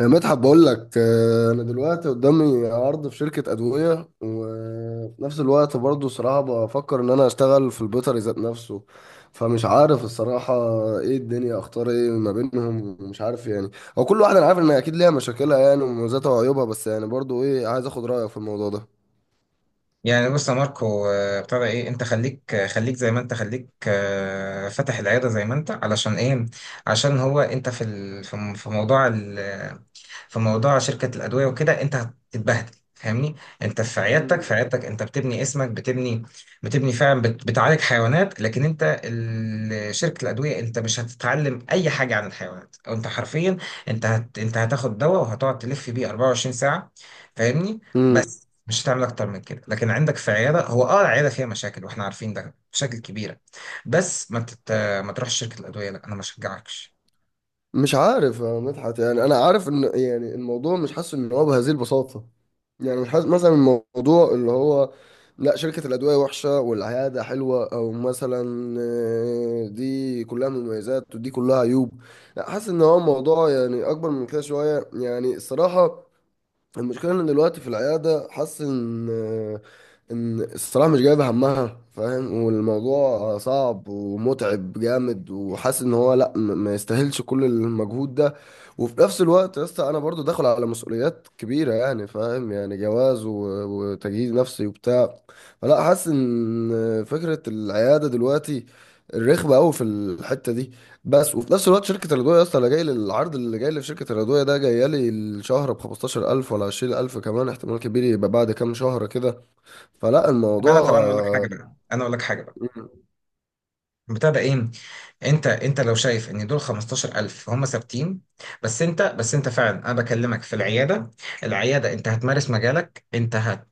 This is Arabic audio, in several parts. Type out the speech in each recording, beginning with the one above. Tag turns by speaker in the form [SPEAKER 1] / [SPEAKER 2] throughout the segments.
[SPEAKER 1] يا مدحت بقول لك انا دلوقتي قدامي عرض في شركه ادويه، وفي نفس الوقت برضو صراحه بفكر ان انا اشتغل في البيطري ذات نفسه. فمش عارف الصراحه ايه الدنيا، اختار ايه ما بينهم ومش عارف. يعني هو كل واحد انا عارف ان اكيد ليها مشاكلها، يعني ومميزاتها وعيوبها، بس يعني برضو ايه، عايز اخد رايك في الموضوع ده.
[SPEAKER 2] يعني بص يا ماركو ابتدى ايه. انت خليك، خليك زي ما انت، خليك فاتح العياده زي ما انت، علشان ايه؟ عشان هو انت في موضوع، في موضوع شركة الأدوية وكده أنت هتتبهدل، فاهمني. أنت في عيادتك، في
[SPEAKER 1] مم.
[SPEAKER 2] عيادتك أنت بتبني اسمك، بتبني فعلا، بتعالج حيوانات. لكن أنت شركة الأدوية أنت مش هتتعلم أي حاجة عن الحيوانات، أو أنت حرفيا أنت هتاخد دواء وهتقعد تلف بيه 24 ساعة، فاهمني.
[SPEAKER 1] امم
[SPEAKER 2] بس مش هتعمل أكتر من كده. لكن عندك في عيادة، هو أه العيادة فيها مشاكل وإحنا عارفين ده، مشاكل كبيرة. بس ما تروحش شركة الأدوية، لا أنا ما أشجعكش.
[SPEAKER 1] مش عارف يا مدحت، يعني انا عارف ان يعني الموضوع مش حاسس ان هو بهذه البساطه. يعني مثلا الموضوع اللي هو، لا شركة الأدوية وحشة والعيادة حلوة، أو مثلا دي كلها مميزات ودي كلها عيوب. لا، حاسس إن هو الموضوع يعني أكبر من كده شوية، يعني الصراحة. المشكلة ان دلوقتي في العيادة، حاسس ان الصراحة مش جايبة همها، فاهم؟ والموضوع صعب ومتعب جامد، وحاسس ان هو لا م- ما يستاهلش كل المجهود ده. وفي نفس الوقت يا اسطى، انا برضو داخل على مسؤوليات كبيرة، يعني فاهم يعني جواز وتجهيز نفسي وبتاع. فلا، حاسس ان فكرة العيادة دلوقتي رخمة قوي في الحتة دي. بس وفي نفس الوقت شركه الادويه يا اسطى، انا جاي للعرض اللي جاي لي في شركه الادويه ده، جايه لي الشهر ب 15000 ولا 20000، كمان احتمال كبير يبقى بعد كام شهر كده. فلا
[SPEAKER 2] أنا
[SPEAKER 1] الموضوع
[SPEAKER 2] طب أنا أقول لك حاجة بقى، بتاع ده ايه. انت لو شايف ان دول 15000 هم ثابتين، بس انت، بس انت فعلا انا بكلمك في العياده. العياده انت هتمارس مجالك، انت هت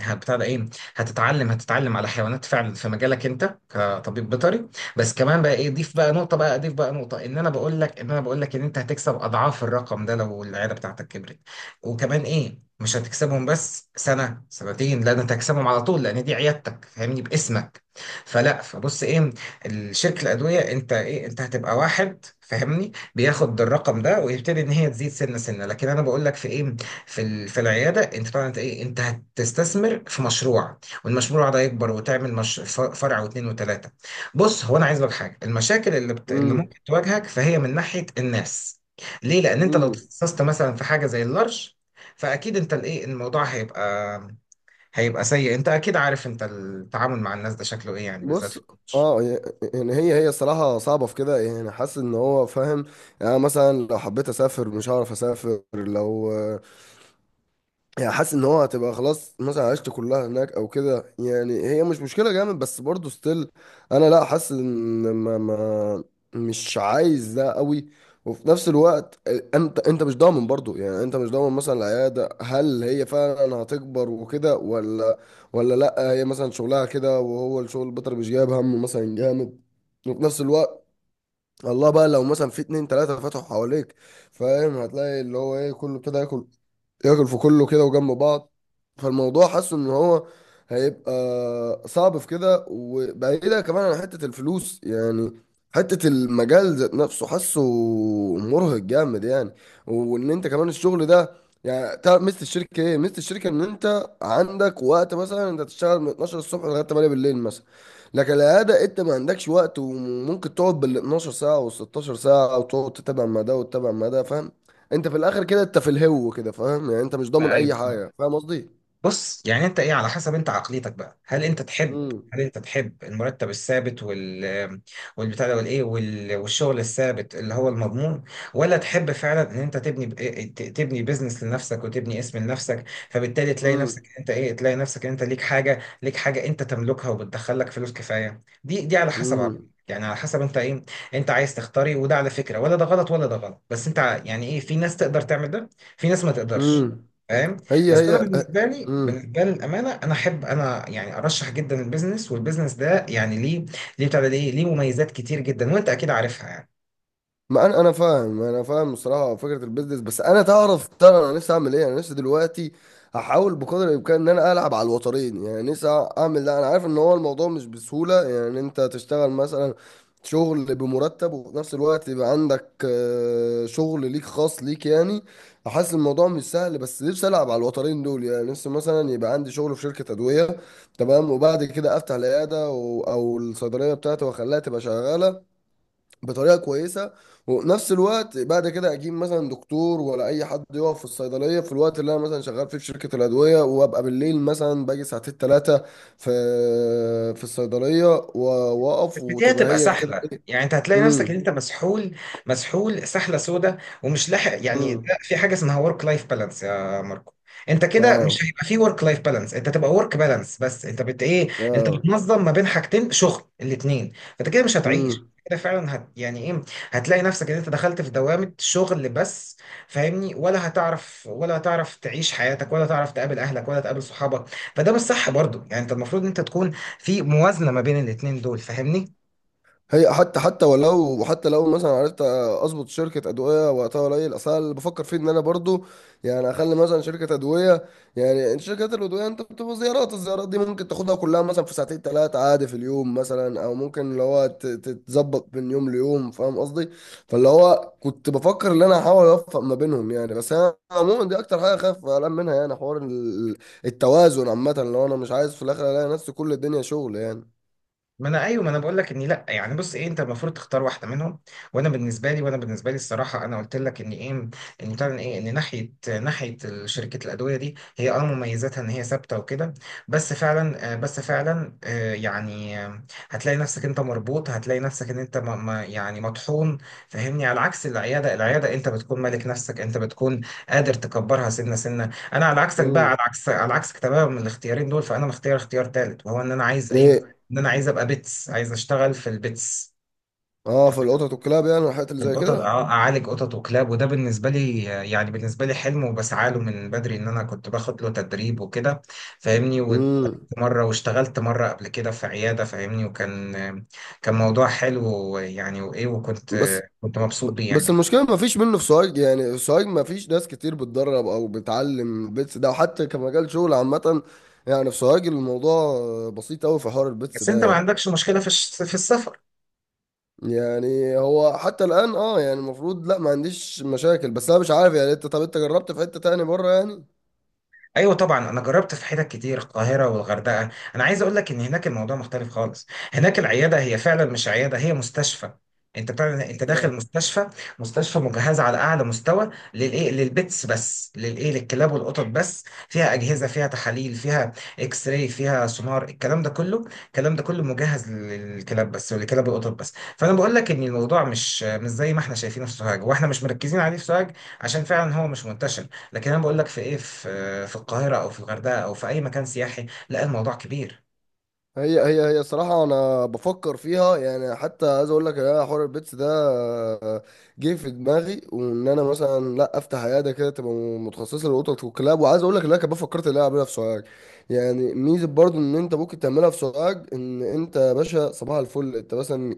[SPEAKER 2] هت بتاع ده ايه، هتتعلم على حيوانات فعلا في مجالك انت كطبيب بيطري. بس كمان بقى ايه، ضيف بقى نقطه، بقى اضيف بقى نقطه، ان انا بقول لك ان انت هتكسب اضعاف الرقم ده لو العياده بتاعتك كبرت. وكمان ايه، مش هتكسبهم بس سنه سنتين، لا ده انت هتكسبهم على طول، لان دي عيادتك فاهمني، باسمك. فلا، فبص ايه، الشركة الأدوية أنت إيه، أنت هتبقى واحد فاهمني بياخد الرقم ده ويبتدي إن هي تزيد سنة سنة. لكن أنا بقول لك في إيه، في العيادة أنت طبعا أنت إيه، أنت هتستثمر في مشروع، والمشروع ده يكبر وتعمل مش فرع واتنين وتلاتة. بص هو أنا عايز لك حاجة، المشاكل اللي
[SPEAKER 1] مم.
[SPEAKER 2] ممكن تواجهك فهي من ناحية الناس. ليه؟ لأن أنت لو
[SPEAKER 1] مم.
[SPEAKER 2] تخصصت مثلا في حاجة زي اللارج، فأكيد أنت الإيه الموضوع هيبقى، هيبقى سيء. أنت أكيد عارف أنت التعامل مع الناس ده شكله إيه، يعني بالذات
[SPEAKER 1] بص،
[SPEAKER 2] في اللارج.
[SPEAKER 1] اه ي- يعني هي الصراحة صعبة في كده، يعني حاسس ان هو فاهم. يعني أنا مثلا لو حبيت اسافر مش هعرف اسافر. لو يعني حاسس ان هو هتبقى خلاص مثلا عشت كلها هناك او كده، يعني هي مش مشكله جامد، بس برضه ستيل انا لا، حاسس ان ما مش عايز ده قوي. وفي نفس الوقت انت مش ضامن برضه، يعني انت مش ضامن مثلا العياده هل هي فعلا هتكبر وكده، ولا ولا لا هي مثلا شغلها كده، وهو الشغل البيطري مش جايب همه مثلا جامد. وفي نفس الوقت الله، بقى لو مثلا في اتنين تلاته فتحوا حواليك، فاهم؟ هتلاقي اللي هو ايه، كله ابتدى ياكل، ياكل في كله كده وجنب بعض. فالموضوع حاسه ان هو هيبقى صعب في كده. وبعيدة كمان عن حتة الفلوس، يعني حتة المجال ذات نفسه حاسه مرهق جامد، يعني وان انت كمان الشغل ده. يعني تعرف ميزة الشركة ايه؟ ميزة الشركة ان انت عندك وقت، مثلا انت تشتغل من 12 الصبح لغاية 8 بالليل مثلا. لكن العيادة إيه؟ انت ما عندكش وقت، وممكن تقعد بال 12 ساعة وال 16 ساعة، وتقعد تتابع ما ده وتتابع ما ده، فاهم؟ انت في الاخر كده انت في الهو كده، فاهم؟ يعني انت مش ضامن
[SPEAKER 2] ايوه
[SPEAKER 1] اي
[SPEAKER 2] فاهم.
[SPEAKER 1] حاجه، فاهم قصدي؟
[SPEAKER 2] بص يعني انت ايه، على حسب انت عقليتك بقى. هل انت تحب،
[SPEAKER 1] امم
[SPEAKER 2] هل انت تحب المرتب الثابت وال والبتاع ده والايه وال... والشغل الثابت اللي هو المضمون، ولا تحب فعلا ان انت تبني تبني بيزنس لنفسك وتبني اسم لنفسك، فبالتالي تلاقي نفسك
[SPEAKER 1] امم
[SPEAKER 2] انت ايه، تلاقي نفسك انت ليك حاجه، ليك حاجه انت تملكها وبتدخلك فلوس كفايه. دي على حسب عقليتك،
[SPEAKER 1] امم
[SPEAKER 2] يعني على حسب انت ايه، انت عايز تختاري. وده على فكره ولا ده غلط ولا ده غلط، بس انت يعني ايه، في ناس تقدر تعمل ده، في ناس ما تقدرش،
[SPEAKER 1] امم.
[SPEAKER 2] فاهم؟
[SPEAKER 1] هي
[SPEAKER 2] بس
[SPEAKER 1] هي
[SPEAKER 2] انا بالنسبه لي،
[SPEAKER 1] امم
[SPEAKER 2] بالنسبه لي للامانه، انا احب، انا يعني ارشح جدا البيزنس. والبيزنس ده يعني ليه، ليه بتاع ده، ليه ليه مميزات كتير جدا وانت اكيد عارفها يعني.
[SPEAKER 1] ما انا فاهم، انا فاهم الصراحه فكره البيزنس. بس انا تعرف ترى انا نفسي اعمل ايه؟ انا نفسي دلوقتي احاول بقدر الامكان ان انا العب على الوترين. يعني نفسي اعمل ده، انا عارف ان هو الموضوع مش بسهوله. يعني انت تشتغل مثلا شغل بمرتب، وفي نفس الوقت يبقى عندك شغل ليك خاص ليك، يعني حاسس الموضوع مش سهل. بس نفسي العب على الوترين دول، يعني نفسي مثلا يبقى عندي شغل في شركه ادويه تمام، وبعد كده افتح العياده او الصيدليه بتاعتي، واخليها تبقى شغاله بطريقه كويسه. ونفس الوقت بعد كده اجيب مثلا دكتور ولا اي حد يقف في الصيدليه في الوقت اللي انا مثلا شغال فيه في شركه الادويه، وابقى بالليل مثلا باجي ساعتين ثلاثه في في الصيدليه و- واقف،
[SPEAKER 2] بس دي
[SPEAKER 1] وتبقى
[SPEAKER 2] هتبقى
[SPEAKER 1] هي كده
[SPEAKER 2] سحلة،
[SPEAKER 1] ايه.
[SPEAKER 2] يعني انت هتلاقي نفسك ان
[SPEAKER 1] امم
[SPEAKER 2] انت مسحول، مسحول سحلة سودة، ومش لاحق. يعني ده
[SPEAKER 1] امم.
[SPEAKER 2] في حاجة اسمها ورك لايف بالانس يا ماركو. انت كده
[SPEAKER 1] اه.
[SPEAKER 2] مش هيبقى في ورك لايف بالانس، انت تبقى ورك بالانس بس، انت بت ايه، انت
[SPEAKER 1] اه.
[SPEAKER 2] بتنظم ما بين حاجتين، شغل الاتنين. فانت كده مش هتعيش كده فعلا، هت يعني ايه، هتلاقي نفسك ان انت دخلت في دوامة شغل بس، فاهمني. ولا هتعرف، ولا هتعرف تعيش حياتك، ولا تعرف تقابل اهلك، ولا تقابل صحابك. فده مش صح برضو. يعني انت المفروض ان انت تكون في موازنة ما بين الاتنين دول، فاهمني.
[SPEAKER 1] هي حتى ولو حتى لو مثلا عرفت اظبط شركه ادويه وقتها قليل، اصل أنا اللي بفكر فيه ان انا برضو يعني اخلي مثلا شركه ادويه، يعني انت شركات الادويه انت بتبقى زيارات، الزيارات دي ممكن تاخدها كلها مثلا في ساعتين ثلاثه عادي في اليوم مثلا، او ممكن اللي هو تتظبط من يوم ليوم، فاهم قصدي؟ فاللي هو كنت بفكر ان انا احاول اوفق ما بينهم، يعني بس انا عموما دي اكتر حاجه خايف قلقان منها، يعني حوار التوازن عامه. لو انا مش عايز في الاخر الاقي نفسي كل الدنيا شغل يعني.
[SPEAKER 2] ما انا ايوه، ما انا بقول لك اني لا. يعني بص ايه، انت المفروض تختار واحده منهم. وانا بالنسبه لي، وانا بالنسبه لي الصراحه، انا قلت لك ان ايه، ان بتاع ايه، ان ناحيه، ناحيه شركه الادويه دي، هي اه مميزاتها ان هي ثابته وكده، بس فعلا بس فعلا يعني هتلاقي نفسك انت مربوط. هتلاقي نفسك ان انت يعني مطحون، فاهمني. على عكس العياده، العياده انت بتكون مالك نفسك، انت بتكون قادر تكبرها سنه سنه. انا على عكسك بقى، على
[SPEAKER 1] امم.
[SPEAKER 2] عكس، على عكسك تماما من الاختيارين دول، فانا مختار اختيار ثالث، وهو ان انا عايز ايه،
[SPEAKER 1] ايه.
[SPEAKER 2] ان انا عايز ابقى بيتس، عايز اشتغل في البيتس.
[SPEAKER 1] اه، في القطط والكلاب يعني والحاجات اللي
[SPEAKER 2] في
[SPEAKER 1] زي
[SPEAKER 2] القطط،
[SPEAKER 1] كده.
[SPEAKER 2] اه اعالج قطط وكلاب. وده بالنسبه لي يعني، بالنسبه لي حلم وبسعى له من بدري، ان انا كنت باخد له تدريب وكده، فاهمني.
[SPEAKER 1] امم.
[SPEAKER 2] ومره واشتغلت مره قبل كده في عياده، فاهمني. وكان، كان موضوع حلو يعني، وايه وكنت،
[SPEAKER 1] بس
[SPEAKER 2] كنت مبسوط بيه
[SPEAKER 1] بس
[SPEAKER 2] يعني.
[SPEAKER 1] المشكله ما فيش منه في سوهاج، يعني في سوهاج ما فيش ناس كتير بتدرب او بتعلم البيتس ده، وحتى كمجال شغل عامه. يعني في سوهاج الموضوع بسيط قوي في حوار البيتس
[SPEAKER 2] بس انت
[SPEAKER 1] ده
[SPEAKER 2] ما
[SPEAKER 1] يعني.
[SPEAKER 2] عندكش مشكله في في السفر؟
[SPEAKER 1] يعني هو حتى الان، اه يعني المفروض لا ما عنديش مشاكل. بس انا مش عارف، يعني انت طب انت جربت في حته تاني بره يعني؟
[SPEAKER 2] ايوه طبعا، انا جربت في حتت كتير، القاهره والغردقه. انا عايز اقول لك ان هناك الموضوع مختلف خالص. هناك العياده هي فعلا مش عياده، هي مستشفى. انت بتعمل، انت داخل مستشفى، مستشفى مجهزه على اعلى مستوى للايه للبيتس، بس للايه للكلاب والقطط بس. فيها اجهزه، فيها تحاليل، فيها اكس راي، فيها سونار، الكلام ده كله، الكلام ده كله مجهز للكلاب بس، وللكلاب والقطط بس. فانا بقول لك ان الموضوع مش زي ما احنا شايفينه في سوهاج، واحنا مش مركزين عليه في سوهاج، عشان فعلا هو مش منتشر. لكن انا بقول لك في ايه، في في القاهره او في الغردقه او في اي مكان سياحي، لا الموضوع كبير.
[SPEAKER 1] هي الصراحة أنا بفكر فيها. يعني حتى عايز أقول لك يا، حوار البيتس ده آه، جه في دماغي، وإن أنا مثلا لا أفتح عيادة كده تبقى متخصصة للقطط والكلاب. وعايز أقول لك إن أنا كمان فكرت إن أنا أعملها في سوهاج. يعني ميزة برضو إن أنت ممكن تعملها في سوهاج، إن أنت يا باشا صباح الفل، أنت مثلا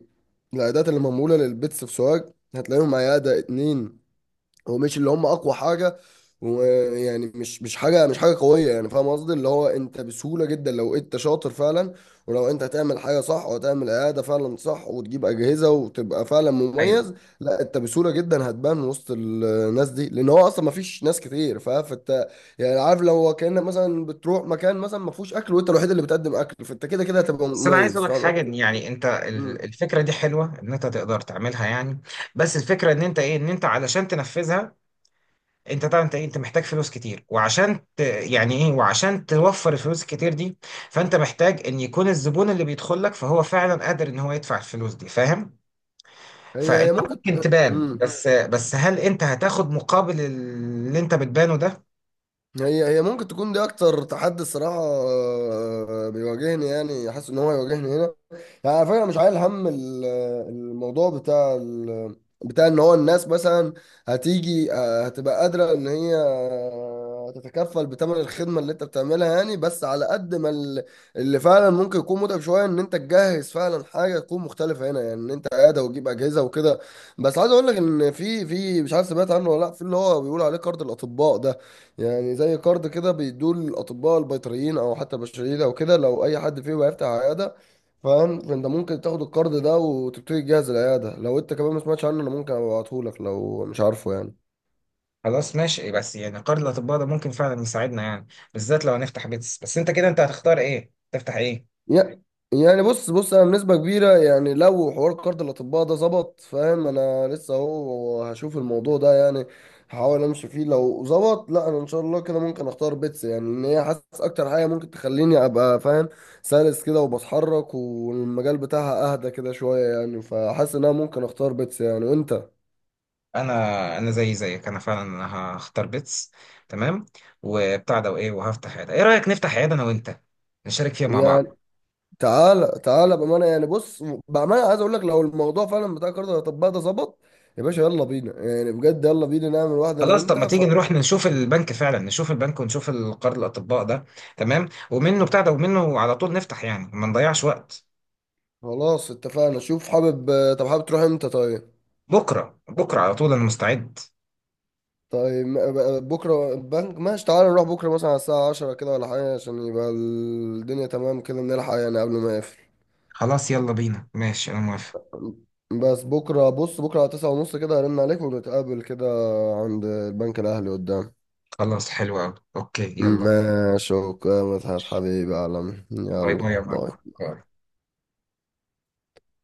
[SPEAKER 1] العيادات اللي معمولة للبيتس في سوهاج هتلاقيهم عيادة اتنين. هو مش اللي هم اقوى حاجه، ويعني مش حاجه، مش حاجه قويه، يعني فاهم قصدي؟ اللي هو انت بسهوله جدا لو انت شاطر فعلا، ولو انت هتعمل حاجه صح، وهتعمل اعاده فعلا صح وتجيب اجهزه وتبقى فعلا
[SPEAKER 2] ايوه.
[SPEAKER 1] مميز، لا انت بسهوله جدا هتبان وسط الناس دي، لان هو اصلا ما فيش ناس كتير، فاهم؟ فانت يعني عارف، لو هو كانك مثلا بتروح مكان مثلا ما فيهوش اكل وانت الوحيد اللي بتقدم اكل، فانت كده كده هتبقى
[SPEAKER 2] بس انا عايز
[SPEAKER 1] مميز،
[SPEAKER 2] اقول لك
[SPEAKER 1] فاهم
[SPEAKER 2] حاجه،
[SPEAKER 1] قصدي؟
[SPEAKER 2] إن يعني انت
[SPEAKER 1] مم.
[SPEAKER 2] الفكره دي حلوه ان انت تقدر تعملها يعني. بس الفكره ان انت ايه، ان انت علشان تنفذها، انت طبعا انت إيه؟ انت محتاج فلوس كتير، وعشان يعني ايه، وعشان توفر الفلوس الكتير دي، فانت محتاج ان يكون الزبون اللي بيدخل لك فهو فعلا قادر ان هو يدفع الفلوس دي، فاهم.
[SPEAKER 1] هي
[SPEAKER 2] فانت
[SPEAKER 1] ممكن.
[SPEAKER 2] ممكن تبان،
[SPEAKER 1] مم.
[SPEAKER 2] بس بس هل انت هتاخد مقابل اللي انت بتبانه ده؟
[SPEAKER 1] هي ممكن تكون دي اكتر تحدي الصراحه بيواجهني، يعني حاسس ان هو يواجهني هنا. يعني على فكرة أنا مش عايل هم الموضوع بتاع بتاع ان هو الناس مثلا هتيجي هتبقى قادرة ان هي تتكفل بثمن الخدمة اللي انت بتعملها، يعني بس على قد ما اللي فعلا ممكن يكون متعب شوية، ان انت تجهز فعلا حاجة تكون مختلفة هنا، يعني ان انت قاعدة وتجيب اجهزة وكده. بس عايز اقول لك ان في مش عارف سمعت عنه ولا لا، في اللي هو بيقول عليه كارد الاطباء ده. يعني زي كارد كده بيدوه للاطباء البيطريين او حتى البشريين او كده، لو اي حد فيهم هيفتح عيادة، فاهم؟ فانت ممكن تاخد الكارد ده وتبتدي تجهز العياده. لو انت كمان ما سمعتش عنه انا ممكن ابعته لك لو مش عارفه يعني.
[SPEAKER 2] خلاص ماشي. بس يعني قرض الاطباء ده ممكن فعلا يساعدنا يعني، بالذات لو هنفتح بيتس. بس انت كده انت هتختار ايه، تفتح ايه؟
[SPEAKER 1] يع- يعني بص انا بنسبه كبيره، يعني لو حوار كارد الاطباء ده ظبط، فاهم؟ انا لسه اهو هشوف الموضوع ده. يعني هحاول امشي فيه، لو ظبط لا انا ان شاء الله كده ممكن اختار بيتس. يعني ان هي حاسس اكتر حاجه ممكن تخليني ابقى فاهم، سلس كده وبتحرك، والمجال بتاعها اهدى كده شويه، يعني فحاسس ان انا ممكن اختار بيتس يعني. وانت
[SPEAKER 2] انا، انا زي زيك، انا فعلا انا هختار بيتس. تمام، وبتاع ده وايه، وهفتح عياده. ايه رايك نفتح عياده انا وانت، نشارك فيها مع بعض؟
[SPEAKER 1] يعني تعالى بامانه، يعني بص بامانه عايز اقول لك لو الموضوع فعلا بتاع كارت الاطباء ده ظبط، يا باشا يلا بينا. يعني بجد يلا بينا نعمل واحده انا
[SPEAKER 2] خلاص طب
[SPEAKER 1] وانت
[SPEAKER 2] ما تيجي نروح نشوف البنك فعلا، نشوف البنك ونشوف القرض الاطباء ده، تمام. ومنه بتاع ده، ومنه على طول نفتح، يعني ما نضيعش وقت.
[SPEAKER 1] خلاص اتفقنا. شوف حابب، طب حابب تروح امتى طيب؟
[SPEAKER 2] بكره، بكره على طول انا مستعد.
[SPEAKER 1] طيب بكره البنك ماشي، تعالى نروح بكره مثلا على الساعه 10 كده ولا حاجه، عشان يبقى الدنيا تمام كده نلحق يعني قبل ما يقفل.
[SPEAKER 2] خلاص يلا بينا، ماشي انا موافق.
[SPEAKER 1] بس بكره، بص بكره على 9 ونص كده هرن عليك ونتقابل كده عند البنك الاهلي قدام.
[SPEAKER 2] خلاص حلو قوي، اوكي يلا.
[SPEAKER 1] ماشي، اوكي يا مدحت حبيبي يا عالمي،
[SPEAKER 2] باي، باي
[SPEAKER 1] يلا
[SPEAKER 2] يا ماركو،
[SPEAKER 1] باي.
[SPEAKER 2] باي.